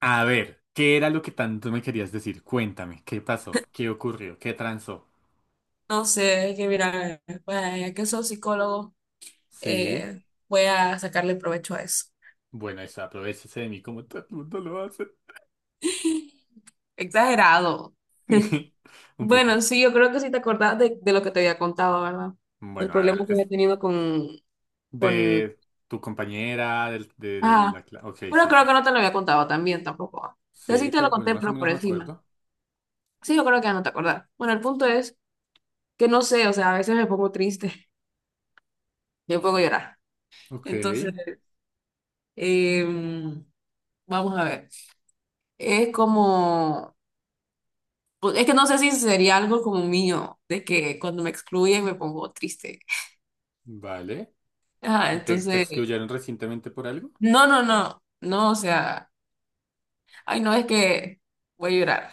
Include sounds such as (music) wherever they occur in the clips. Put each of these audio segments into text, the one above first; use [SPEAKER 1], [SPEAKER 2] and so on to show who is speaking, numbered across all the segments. [SPEAKER 1] A ver, ¿qué era lo que tanto me querías decir? Cuéntame, ¿qué pasó? ¿Qué ocurrió? ¿Qué transó?
[SPEAKER 2] No sé, es que mira, pues, ya que soy psicólogo,
[SPEAKER 1] Sí.
[SPEAKER 2] eh, voy a sacarle provecho a eso.
[SPEAKER 1] Bueno, eso, aprovéchese de mí como todo el mundo lo hace.
[SPEAKER 2] (laughs) Exagerado. (laughs)
[SPEAKER 1] (laughs) Un
[SPEAKER 2] Bueno,
[SPEAKER 1] poco.
[SPEAKER 2] sí, yo creo que sí te acordás de lo que te había contado, ¿verdad? El
[SPEAKER 1] Bueno, a ver,
[SPEAKER 2] problema que
[SPEAKER 1] es
[SPEAKER 2] había tenido con...
[SPEAKER 1] de tu compañera, de
[SPEAKER 2] Ah,
[SPEAKER 1] la clase. Ok,
[SPEAKER 2] bueno,
[SPEAKER 1] sí,
[SPEAKER 2] creo
[SPEAKER 1] sí.
[SPEAKER 2] que no te lo había contado también tampoco. ¿Ah? O sea, sí
[SPEAKER 1] Sí,
[SPEAKER 2] te lo
[SPEAKER 1] pero bueno,
[SPEAKER 2] conté,
[SPEAKER 1] más o
[SPEAKER 2] pero por
[SPEAKER 1] menos me
[SPEAKER 2] encima.
[SPEAKER 1] acuerdo.
[SPEAKER 2] Sí, yo creo que ya no te acordás. Bueno, el punto es que no sé, o sea, a veces me pongo triste, (laughs) me pongo a llorar.
[SPEAKER 1] Ok,
[SPEAKER 2] Entonces, em, vamos a ver. Es como... Pues, es que no sé si sería algo como mío, de que cuando me excluyen me pongo triste. (laughs)
[SPEAKER 1] vale.
[SPEAKER 2] Ajá,
[SPEAKER 1] ¿Y te
[SPEAKER 2] entonces,
[SPEAKER 1] excluyeron recientemente por algo?
[SPEAKER 2] no, o sea, ay, no, es que voy a llorar.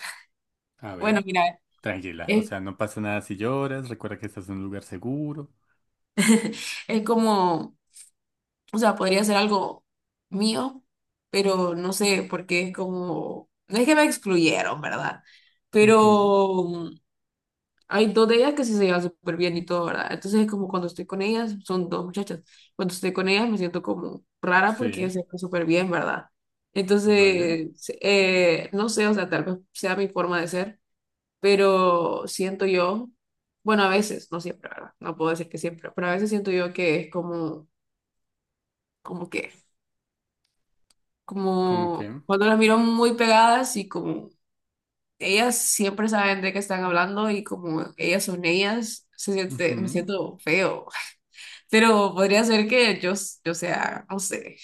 [SPEAKER 1] A
[SPEAKER 2] Bueno,
[SPEAKER 1] ver,
[SPEAKER 2] mira,
[SPEAKER 1] tranquila, o
[SPEAKER 2] es,
[SPEAKER 1] sea, no pasa nada si lloras, recuerda que estás en un lugar seguro.
[SPEAKER 2] es como, o sea, podría ser algo mío, pero no sé, porque es como, no es que me excluyeron, ¿verdad?
[SPEAKER 1] Ujú,
[SPEAKER 2] Pero hay dos de ellas que sí se llevan súper bien y todo, ¿verdad? Entonces es como cuando estoy con ellas, son dos muchachas, cuando estoy con ellas me siento como rara porque ellas
[SPEAKER 1] sí,
[SPEAKER 2] se llevan súper bien, ¿verdad?
[SPEAKER 1] vale.
[SPEAKER 2] Entonces, no sé, o sea, tal vez sea mi forma de ser, pero siento yo, bueno, a veces, no siempre, ¿verdad? No puedo decir que siempre, pero a veces siento yo que es como, como que,
[SPEAKER 1] ¿Cómo
[SPEAKER 2] como
[SPEAKER 1] que?
[SPEAKER 2] cuando las miro muy pegadas y como ellas siempre saben de qué están hablando y como ellas son ellas, se siente, me
[SPEAKER 1] Ujú.
[SPEAKER 2] siento feo. Pero podría ser que yo, yo sea, no sé.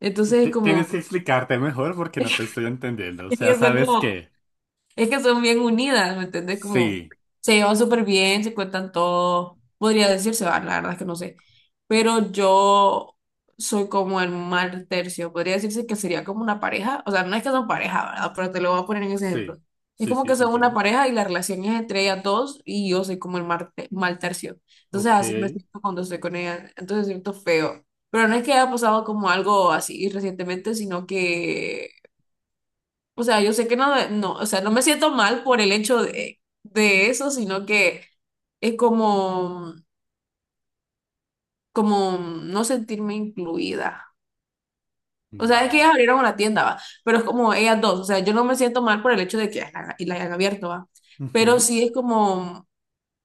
[SPEAKER 2] Entonces,
[SPEAKER 1] Tienes que
[SPEAKER 2] como,
[SPEAKER 1] explicarte mejor porque no te estoy entendiendo.
[SPEAKER 2] (laughs)
[SPEAKER 1] O sea,
[SPEAKER 2] pienso
[SPEAKER 1] ¿sabes
[SPEAKER 2] como,
[SPEAKER 1] qué?
[SPEAKER 2] es que son bien unidas, ¿me entendés? Como
[SPEAKER 1] Sí,
[SPEAKER 2] se llevan súper bien, se cuentan todo. Podría decirse, va, la verdad es que no sé. Pero yo soy como el mal tercio. Podría decirse que sería como una pareja. O sea, no es que son pareja, ¿verdad? Pero te lo voy a poner en ese ejemplo.
[SPEAKER 1] sí,
[SPEAKER 2] Es
[SPEAKER 1] sí,
[SPEAKER 2] como
[SPEAKER 1] sí,
[SPEAKER 2] que
[SPEAKER 1] te
[SPEAKER 2] son una
[SPEAKER 1] entiendo.
[SPEAKER 2] pareja y la relación es entre ellas dos y yo soy como el mal tercio. Entonces
[SPEAKER 1] Ok,
[SPEAKER 2] así me siento cuando estoy con ellas. Entonces siento feo. Pero no es que haya pasado como algo así recientemente, sino que o sea, yo sé que no, no, o sea, no me siento mal por el hecho de eso, sino que es como, como no sentirme incluida. O sea, es que ellas
[SPEAKER 1] vale.
[SPEAKER 2] abrieron una tienda, va, pero es como ellas dos, o sea, yo no me siento mal por el hecho de que ellas y la hayan abierto, va, pero
[SPEAKER 1] Ujú.
[SPEAKER 2] sí es como,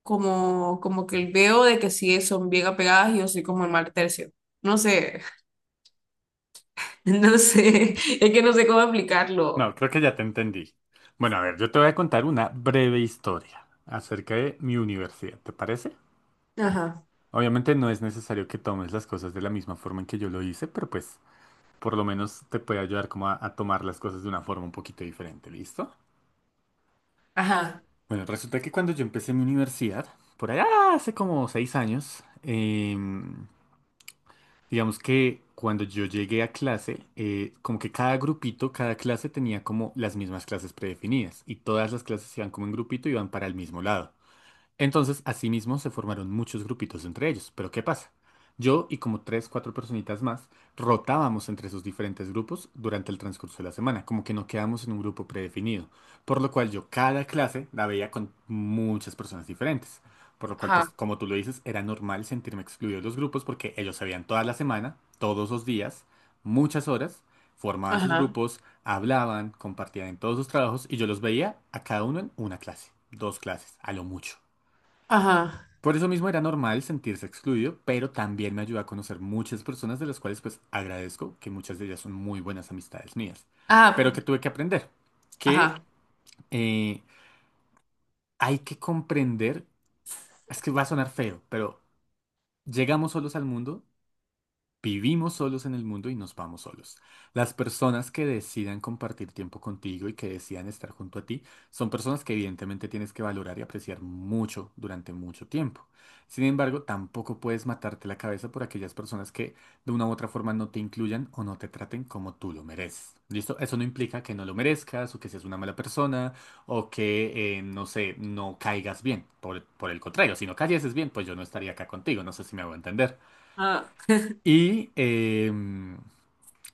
[SPEAKER 2] como que veo de que sí son bien apegadas y yo soy como el mal tercio. No sé, (laughs) no sé, es que no sé cómo explicarlo.
[SPEAKER 1] No, creo que ya te entendí. Bueno, a ver, yo te voy a contar una breve historia acerca de mi universidad, ¿te parece?
[SPEAKER 2] Ajá,
[SPEAKER 1] Obviamente no es necesario que tomes las cosas de la misma forma en que yo lo hice, pero pues por lo menos te puede ayudar como a tomar las cosas de una forma un poquito diferente, ¿listo?
[SPEAKER 2] ajá,
[SPEAKER 1] Bueno, resulta que cuando yo empecé mi universidad, por allá hace como 6 años, digamos que cuando yo llegué a clase, como que cada grupito, cada clase tenía como las mismas clases predefinidas y todas las clases iban como en grupito y iban para el mismo lado. Entonces, asimismo, se formaron muchos grupitos entre ellos. Pero ¿qué pasa? Yo y como tres, cuatro personitas más rotábamos entre esos diferentes grupos durante el transcurso de la semana, como que no quedamos en un grupo predefinido. Por lo cual yo cada clase la veía con muchas personas diferentes. Por lo cual, pues,
[SPEAKER 2] ajá,
[SPEAKER 1] como tú lo dices, era normal sentirme excluido de los grupos porque ellos se veían toda la semana, todos los días, muchas horas, formaban sus
[SPEAKER 2] ajá,
[SPEAKER 1] grupos, hablaban, compartían en todos sus trabajos y yo los veía a cada uno en una clase, dos clases, a lo mucho.
[SPEAKER 2] ajá,
[SPEAKER 1] Por eso mismo era normal sentirse excluido, pero también me ayudó a conocer muchas personas de las cuales pues agradezco que muchas de ellas son muy buenas amistades mías. Pero
[SPEAKER 2] ajá,
[SPEAKER 1] que tuve que aprender, que
[SPEAKER 2] ajá.
[SPEAKER 1] eh, hay que comprender, es que va a sonar feo, pero llegamos solos al mundo. Vivimos solos en el mundo y nos vamos solos. Las personas que decidan compartir tiempo contigo y que decidan estar junto a ti son personas que evidentemente tienes que valorar y apreciar mucho durante mucho tiempo. Sin embargo, tampoco puedes matarte la cabeza por aquellas personas que de una u otra forma no te incluyan o no te traten como tú lo mereces. ¿Listo? Eso no implica que no lo merezcas o que seas una mala persona o que, no sé, no caigas bien. Por el contrario, si no cayeses bien, pues yo no estaría acá contigo. No sé si me hago entender.
[SPEAKER 2] Ah,
[SPEAKER 1] Y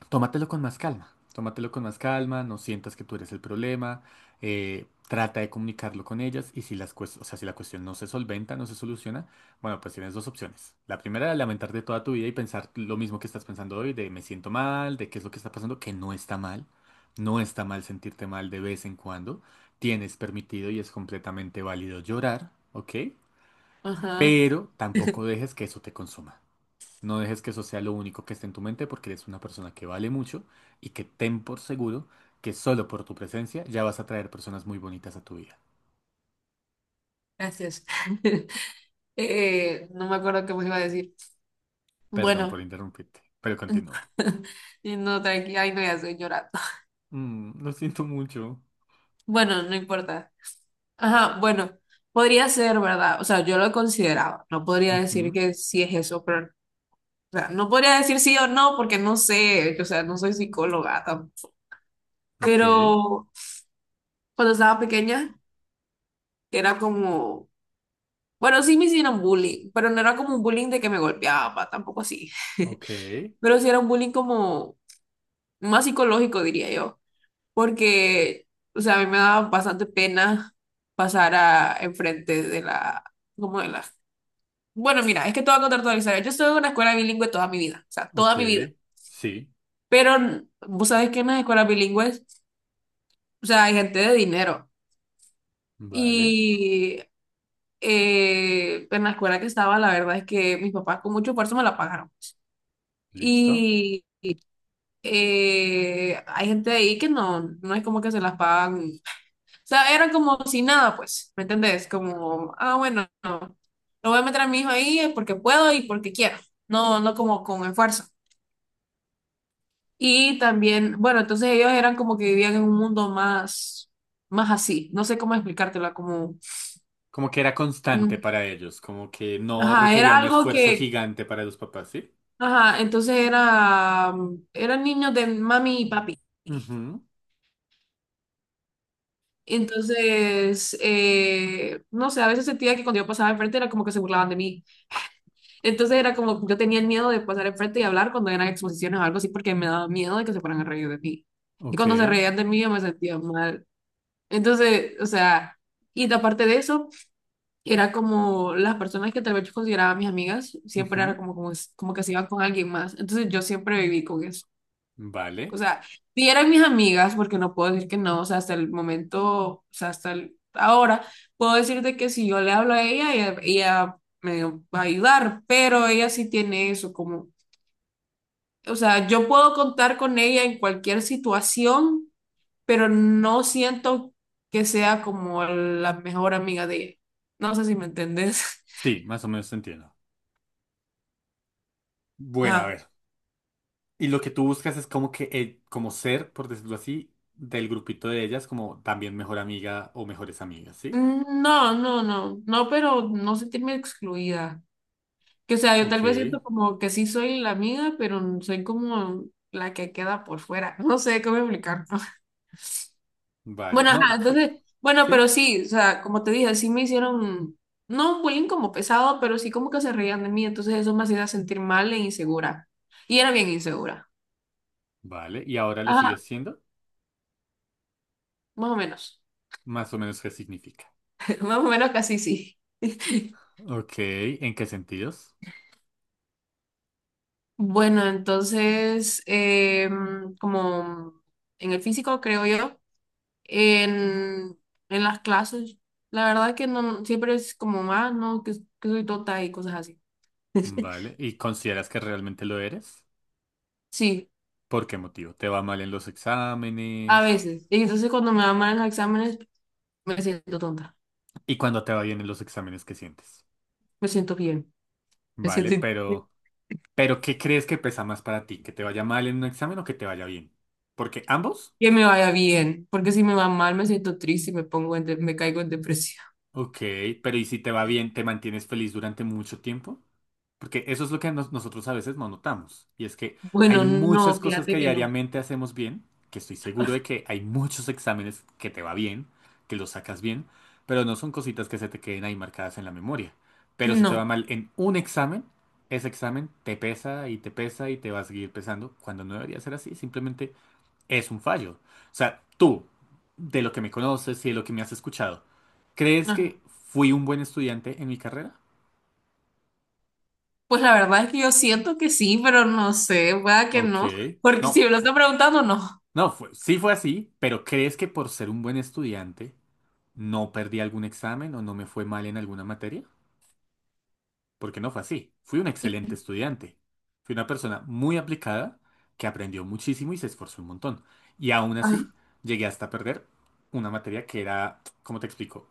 [SPEAKER 1] tómatelo con más calma, tómatelo con más calma, no sientas que tú eres el problema, trata de comunicarlo con ellas y si o sea, si la cuestión no se solventa, no se soluciona, bueno, pues tienes dos opciones. La primera, lamentarte toda tu vida y pensar lo mismo que estás pensando hoy, de me siento mal, de qué es lo que está pasando, que no está mal, no está mal sentirte mal de vez en cuando, tienes permitido y es completamente válido llorar, ¿ok?
[SPEAKER 2] ajá,
[SPEAKER 1] Pero tampoco dejes que eso te consuma. No dejes que eso sea lo único que esté en tu mente porque eres una persona que vale mucho y que ten por seguro que solo por tu presencia ya vas a traer personas muy bonitas a tu vida.
[SPEAKER 2] gracias. (laughs) No me acuerdo qué me iba a decir.
[SPEAKER 1] Perdón por
[SPEAKER 2] Bueno,
[SPEAKER 1] interrumpirte, pero continúa.
[SPEAKER 2] (laughs) y no, tranqui, ay, no, ya estoy llorando. (laughs)
[SPEAKER 1] Mm, lo siento mucho.
[SPEAKER 2] Bueno, no importa. Ajá, bueno, podría ser, ¿verdad? O sea, yo lo consideraba. No podría decir
[SPEAKER 1] Ujú,
[SPEAKER 2] que sí es eso, pero, o sea, no podría decir sí o no porque no sé, o sea, no soy psicóloga tampoco.
[SPEAKER 1] ok,
[SPEAKER 2] Pero cuando estaba pequeña, era como, bueno, sí me hicieron bullying, pero no era como un bullying de que me golpeaba, tampoco así.
[SPEAKER 1] ok,
[SPEAKER 2] Pero sí era un bullying como más psicológico, diría yo, porque, o sea, a mí me daba bastante pena pasar a enfrente de la, como de la... Bueno, mira, es que te voy a contar toda la historia. Yo estuve en una escuela bilingüe toda mi vida, o sea, toda
[SPEAKER 1] ok.
[SPEAKER 2] mi vida,
[SPEAKER 1] Sí,
[SPEAKER 2] pero vos sabés que en las escuelas bilingües, o sea, hay gente de dinero
[SPEAKER 1] vale,
[SPEAKER 2] y en la escuela que estaba, la verdad es que mis papás con mucho esfuerzo me la pagaron.
[SPEAKER 1] listo.
[SPEAKER 2] Y hay gente ahí que no, no es como que se las pagan sea, era como si nada, pues, ¿me entendés? Como, ah, bueno, no, lo voy a meter a mi hijo ahí porque puedo y porque quiero, no, no como con esfuerzo. Y también, bueno, entonces ellos eran como que vivían en un mundo más, más así, no sé cómo explicártela, como,
[SPEAKER 1] Como que era constante
[SPEAKER 2] mm,
[SPEAKER 1] para ellos, como que no
[SPEAKER 2] ajá,
[SPEAKER 1] requería
[SPEAKER 2] era
[SPEAKER 1] un
[SPEAKER 2] algo
[SPEAKER 1] esfuerzo
[SPEAKER 2] que,
[SPEAKER 1] gigante para los papás, ¿sí?
[SPEAKER 2] ajá, entonces era, mm, eran niños de mami y papi.
[SPEAKER 1] Ujú,
[SPEAKER 2] Entonces, no sé, a veces sentía que cuando yo pasaba enfrente era como que se burlaban de mí. Entonces era como, yo tenía el miedo de pasar enfrente y hablar cuando eran exposiciones o algo así, porque me daba miedo de que se fueran a reír de mí. Y
[SPEAKER 1] ok,
[SPEAKER 2] cuando se reían de mí, yo me sentía mal. Entonces, o sea, y aparte de eso, era como las personas que tal vez yo consideraba mis amigas, siempre
[SPEAKER 1] ujú,
[SPEAKER 2] era como, como que se iban con alguien más. Entonces yo siempre viví con eso. O
[SPEAKER 1] vale.
[SPEAKER 2] sea, sí eran mis amigas, porque no puedo decir que no, o sea, hasta el momento, o sea, ahora, puedo decirte que si yo le hablo a ella, ella me va a ayudar, pero ella sí tiene eso como, o sea, yo puedo contar con ella en cualquier situación, pero no siento que sea como la mejor amiga de ella. No sé si me entendés.
[SPEAKER 1] Sí, más o menos te entiendo.
[SPEAKER 2] (laughs)
[SPEAKER 1] Bueno, a
[SPEAKER 2] Ajá.
[SPEAKER 1] ver. Y lo que tú buscas es como que, como ser, por decirlo así, del grupito de ellas, como también mejor amiga o mejores amigas, ¿sí?
[SPEAKER 2] Mm, no, no, pero no sentirme excluida. Que o sea, yo
[SPEAKER 1] Ok,
[SPEAKER 2] tal vez siento como que sí soy la amiga, pero soy como la que queda por fuera. (laughs) No sé cómo explicar. (laughs)
[SPEAKER 1] vale.
[SPEAKER 2] Bueno, ajá,
[SPEAKER 1] No, sí,
[SPEAKER 2] entonces, bueno, pero
[SPEAKER 1] sí,
[SPEAKER 2] sí, o sea, como te dije, sí me hicieron, no bullying como pesado, pero sí como que se reían de mí, entonces eso me hacía sentir mal e insegura. Y era bien insegura.
[SPEAKER 1] vale. ¿Y ahora lo
[SPEAKER 2] Ajá,
[SPEAKER 1] sigues siendo?
[SPEAKER 2] más o menos.
[SPEAKER 1] Más o menos, ¿qué significa?
[SPEAKER 2] (laughs) Más o menos casi sí. (laughs)
[SPEAKER 1] Ok, ¿en qué sentidos?
[SPEAKER 2] Bueno, entonces, como en el físico, creo yo. en, en las clases. La verdad que no, siempre es como más, ¿no? Que soy tonta y cosas así.
[SPEAKER 1] Vale. ¿Y consideras que realmente lo eres?
[SPEAKER 2] Sí,
[SPEAKER 1] ¿Por qué motivo? ¿Te va mal en los
[SPEAKER 2] a
[SPEAKER 1] exámenes?
[SPEAKER 2] veces. Y entonces cuando me van mal en los exámenes, me siento tonta,
[SPEAKER 1] ¿Y cuando te va bien en los exámenes, qué sientes?
[SPEAKER 2] me siento bien, me
[SPEAKER 1] Vale,
[SPEAKER 2] siento in-
[SPEAKER 1] pero ¿qué crees que pesa más para ti? ¿Que te vaya mal en un examen o que te vaya bien? Porque ambos...
[SPEAKER 2] que me vaya bien, porque si me va mal me siento triste y me pongo me caigo en depresión. (laughs)
[SPEAKER 1] Ok, pero ¿y si te va bien, te mantienes feliz durante mucho tiempo? Porque eso es lo que nosotros a veces no notamos. Y es que hay
[SPEAKER 2] Bueno,
[SPEAKER 1] muchas
[SPEAKER 2] no,
[SPEAKER 1] cosas que
[SPEAKER 2] fíjate que no.
[SPEAKER 1] diariamente hacemos bien, que estoy seguro de que hay muchos exámenes que te va bien, que los sacas bien, pero no son cositas que se te queden ahí marcadas en la memoria. Pero si te va
[SPEAKER 2] No.
[SPEAKER 1] mal en un examen, ese examen te pesa y te pesa y te va a seguir pesando, cuando no debería ser así. Simplemente es un fallo. O sea, tú, de lo que me conoces y de lo que me has escuchado, ¿crees
[SPEAKER 2] Ajá.
[SPEAKER 1] que fui un buen estudiante en mi carrera?
[SPEAKER 2] Pues la verdad es que yo siento que sí, pero no sé, pueda que
[SPEAKER 1] Ok.
[SPEAKER 2] no, porque si
[SPEAKER 1] No,
[SPEAKER 2] me lo
[SPEAKER 1] fu-
[SPEAKER 2] están preguntando, no.
[SPEAKER 1] no, fue- sí fue así, pero ¿crees que por ser un buen estudiante no perdí algún examen o no me fue mal en alguna materia? Porque no fue así. Fui un excelente estudiante. Fui una persona muy aplicada que aprendió muchísimo y se esforzó un montón. Y aún así,
[SPEAKER 2] Ajá.
[SPEAKER 1] llegué hasta perder una materia que era, ¿cómo te explico?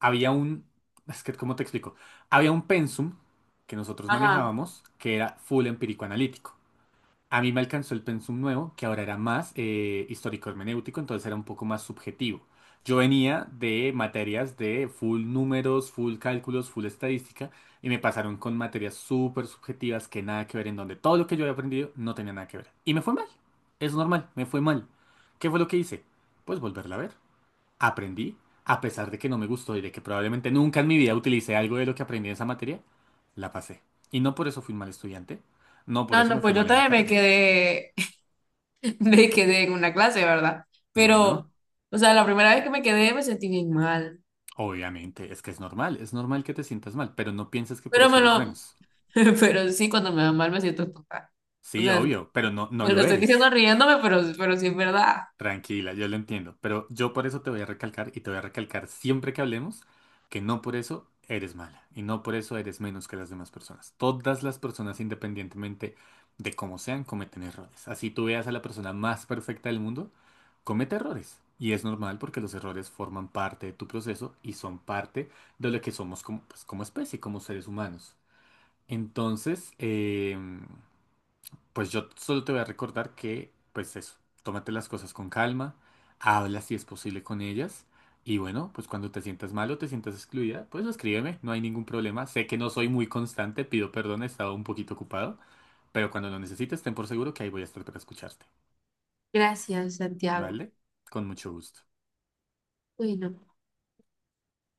[SPEAKER 1] Había un, es que, ¿cómo te explico? Había un pensum que nosotros
[SPEAKER 2] Ajá.
[SPEAKER 1] manejábamos que era full empírico analítico. A mí me alcanzó el pensum nuevo, que ahora era más histórico hermenéutico, entonces era un poco más subjetivo. Yo venía de materias de full números, full cálculos, full estadística, y me pasaron con materias súper subjetivas que nada que ver, en donde todo lo que yo había aprendido no tenía nada que ver. Y me fue mal. Es normal, me fue mal. ¿Qué fue lo que hice? Pues volverla a ver. Aprendí, a pesar de que no me gustó y de que probablemente nunca en mi vida utilicé algo de lo que aprendí en esa materia, la pasé. Y no por eso fui un mal estudiante, no por
[SPEAKER 2] No,
[SPEAKER 1] eso
[SPEAKER 2] no,
[SPEAKER 1] me fue
[SPEAKER 2] pues yo
[SPEAKER 1] mal en la
[SPEAKER 2] también
[SPEAKER 1] carrera.
[SPEAKER 2] me quedé en una clase, ¿verdad? Pero,
[SPEAKER 1] Bueno,
[SPEAKER 2] o sea, la primera vez que me quedé me sentí bien mal.
[SPEAKER 1] obviamente, es que es normal que te sientas mal, pero no pienses que por
[SPEAKER 2] Pero
[SPEAKER 1] eso
[SPEAKER 2] me
[SPEAKER 1] eres
[SPEAKER 2] lo,
[SPEAKER 1] menos.
[SPEAKER 2] (laughs) pero sí, cuando me va mal me siento total. O
[SPEAKER 1] Sí,
[SPEAKER 2] sea,
[SPEAKER 1] obvio, pero no, no
[SPEAKER 2] me lo
[SPEAKER 1] lo
[SPEAKER 2] estoy diciendo
[SPEAKER 1] eres.
[SPEAKER 2] riéndome, pero sí es verdad.
[SPEAKER 1] Tranquila, yo lo entiendo, pero yo por eso te voy a recalcar y te voy a recalcar siempre que hablemos que no por eso eres mala y no por eso eres menos que las demás personas. Todas las personas, independientemente de cómo sean, cometen errores. Así tú veas a la persona más perfecta del mundo, comete errores. Y es normal porque los errores forman parte de tu proceso y son parte de lo que somos como, pues, como especie, como seres humanos. Entonces, pues yo solo te voy a recordar que, pues eso, tómate las cosas con calma, habla si es posible con ellas y bueno, pues cuando te sientas mal o te sientas excluida, pues escríbeme, no hay ningún problema. Sé que no soy muy constante, pido perdón, he estado un poquito ocupado, pero cuando lo necesites, ten por seguro que ahí voy a estar para escucharte,
[SPEAKER 2] Gracias, Santiago.
[SPEAKER 1] ¿vale? Con mucho gusto.
[SPEAKER 2] Bueno.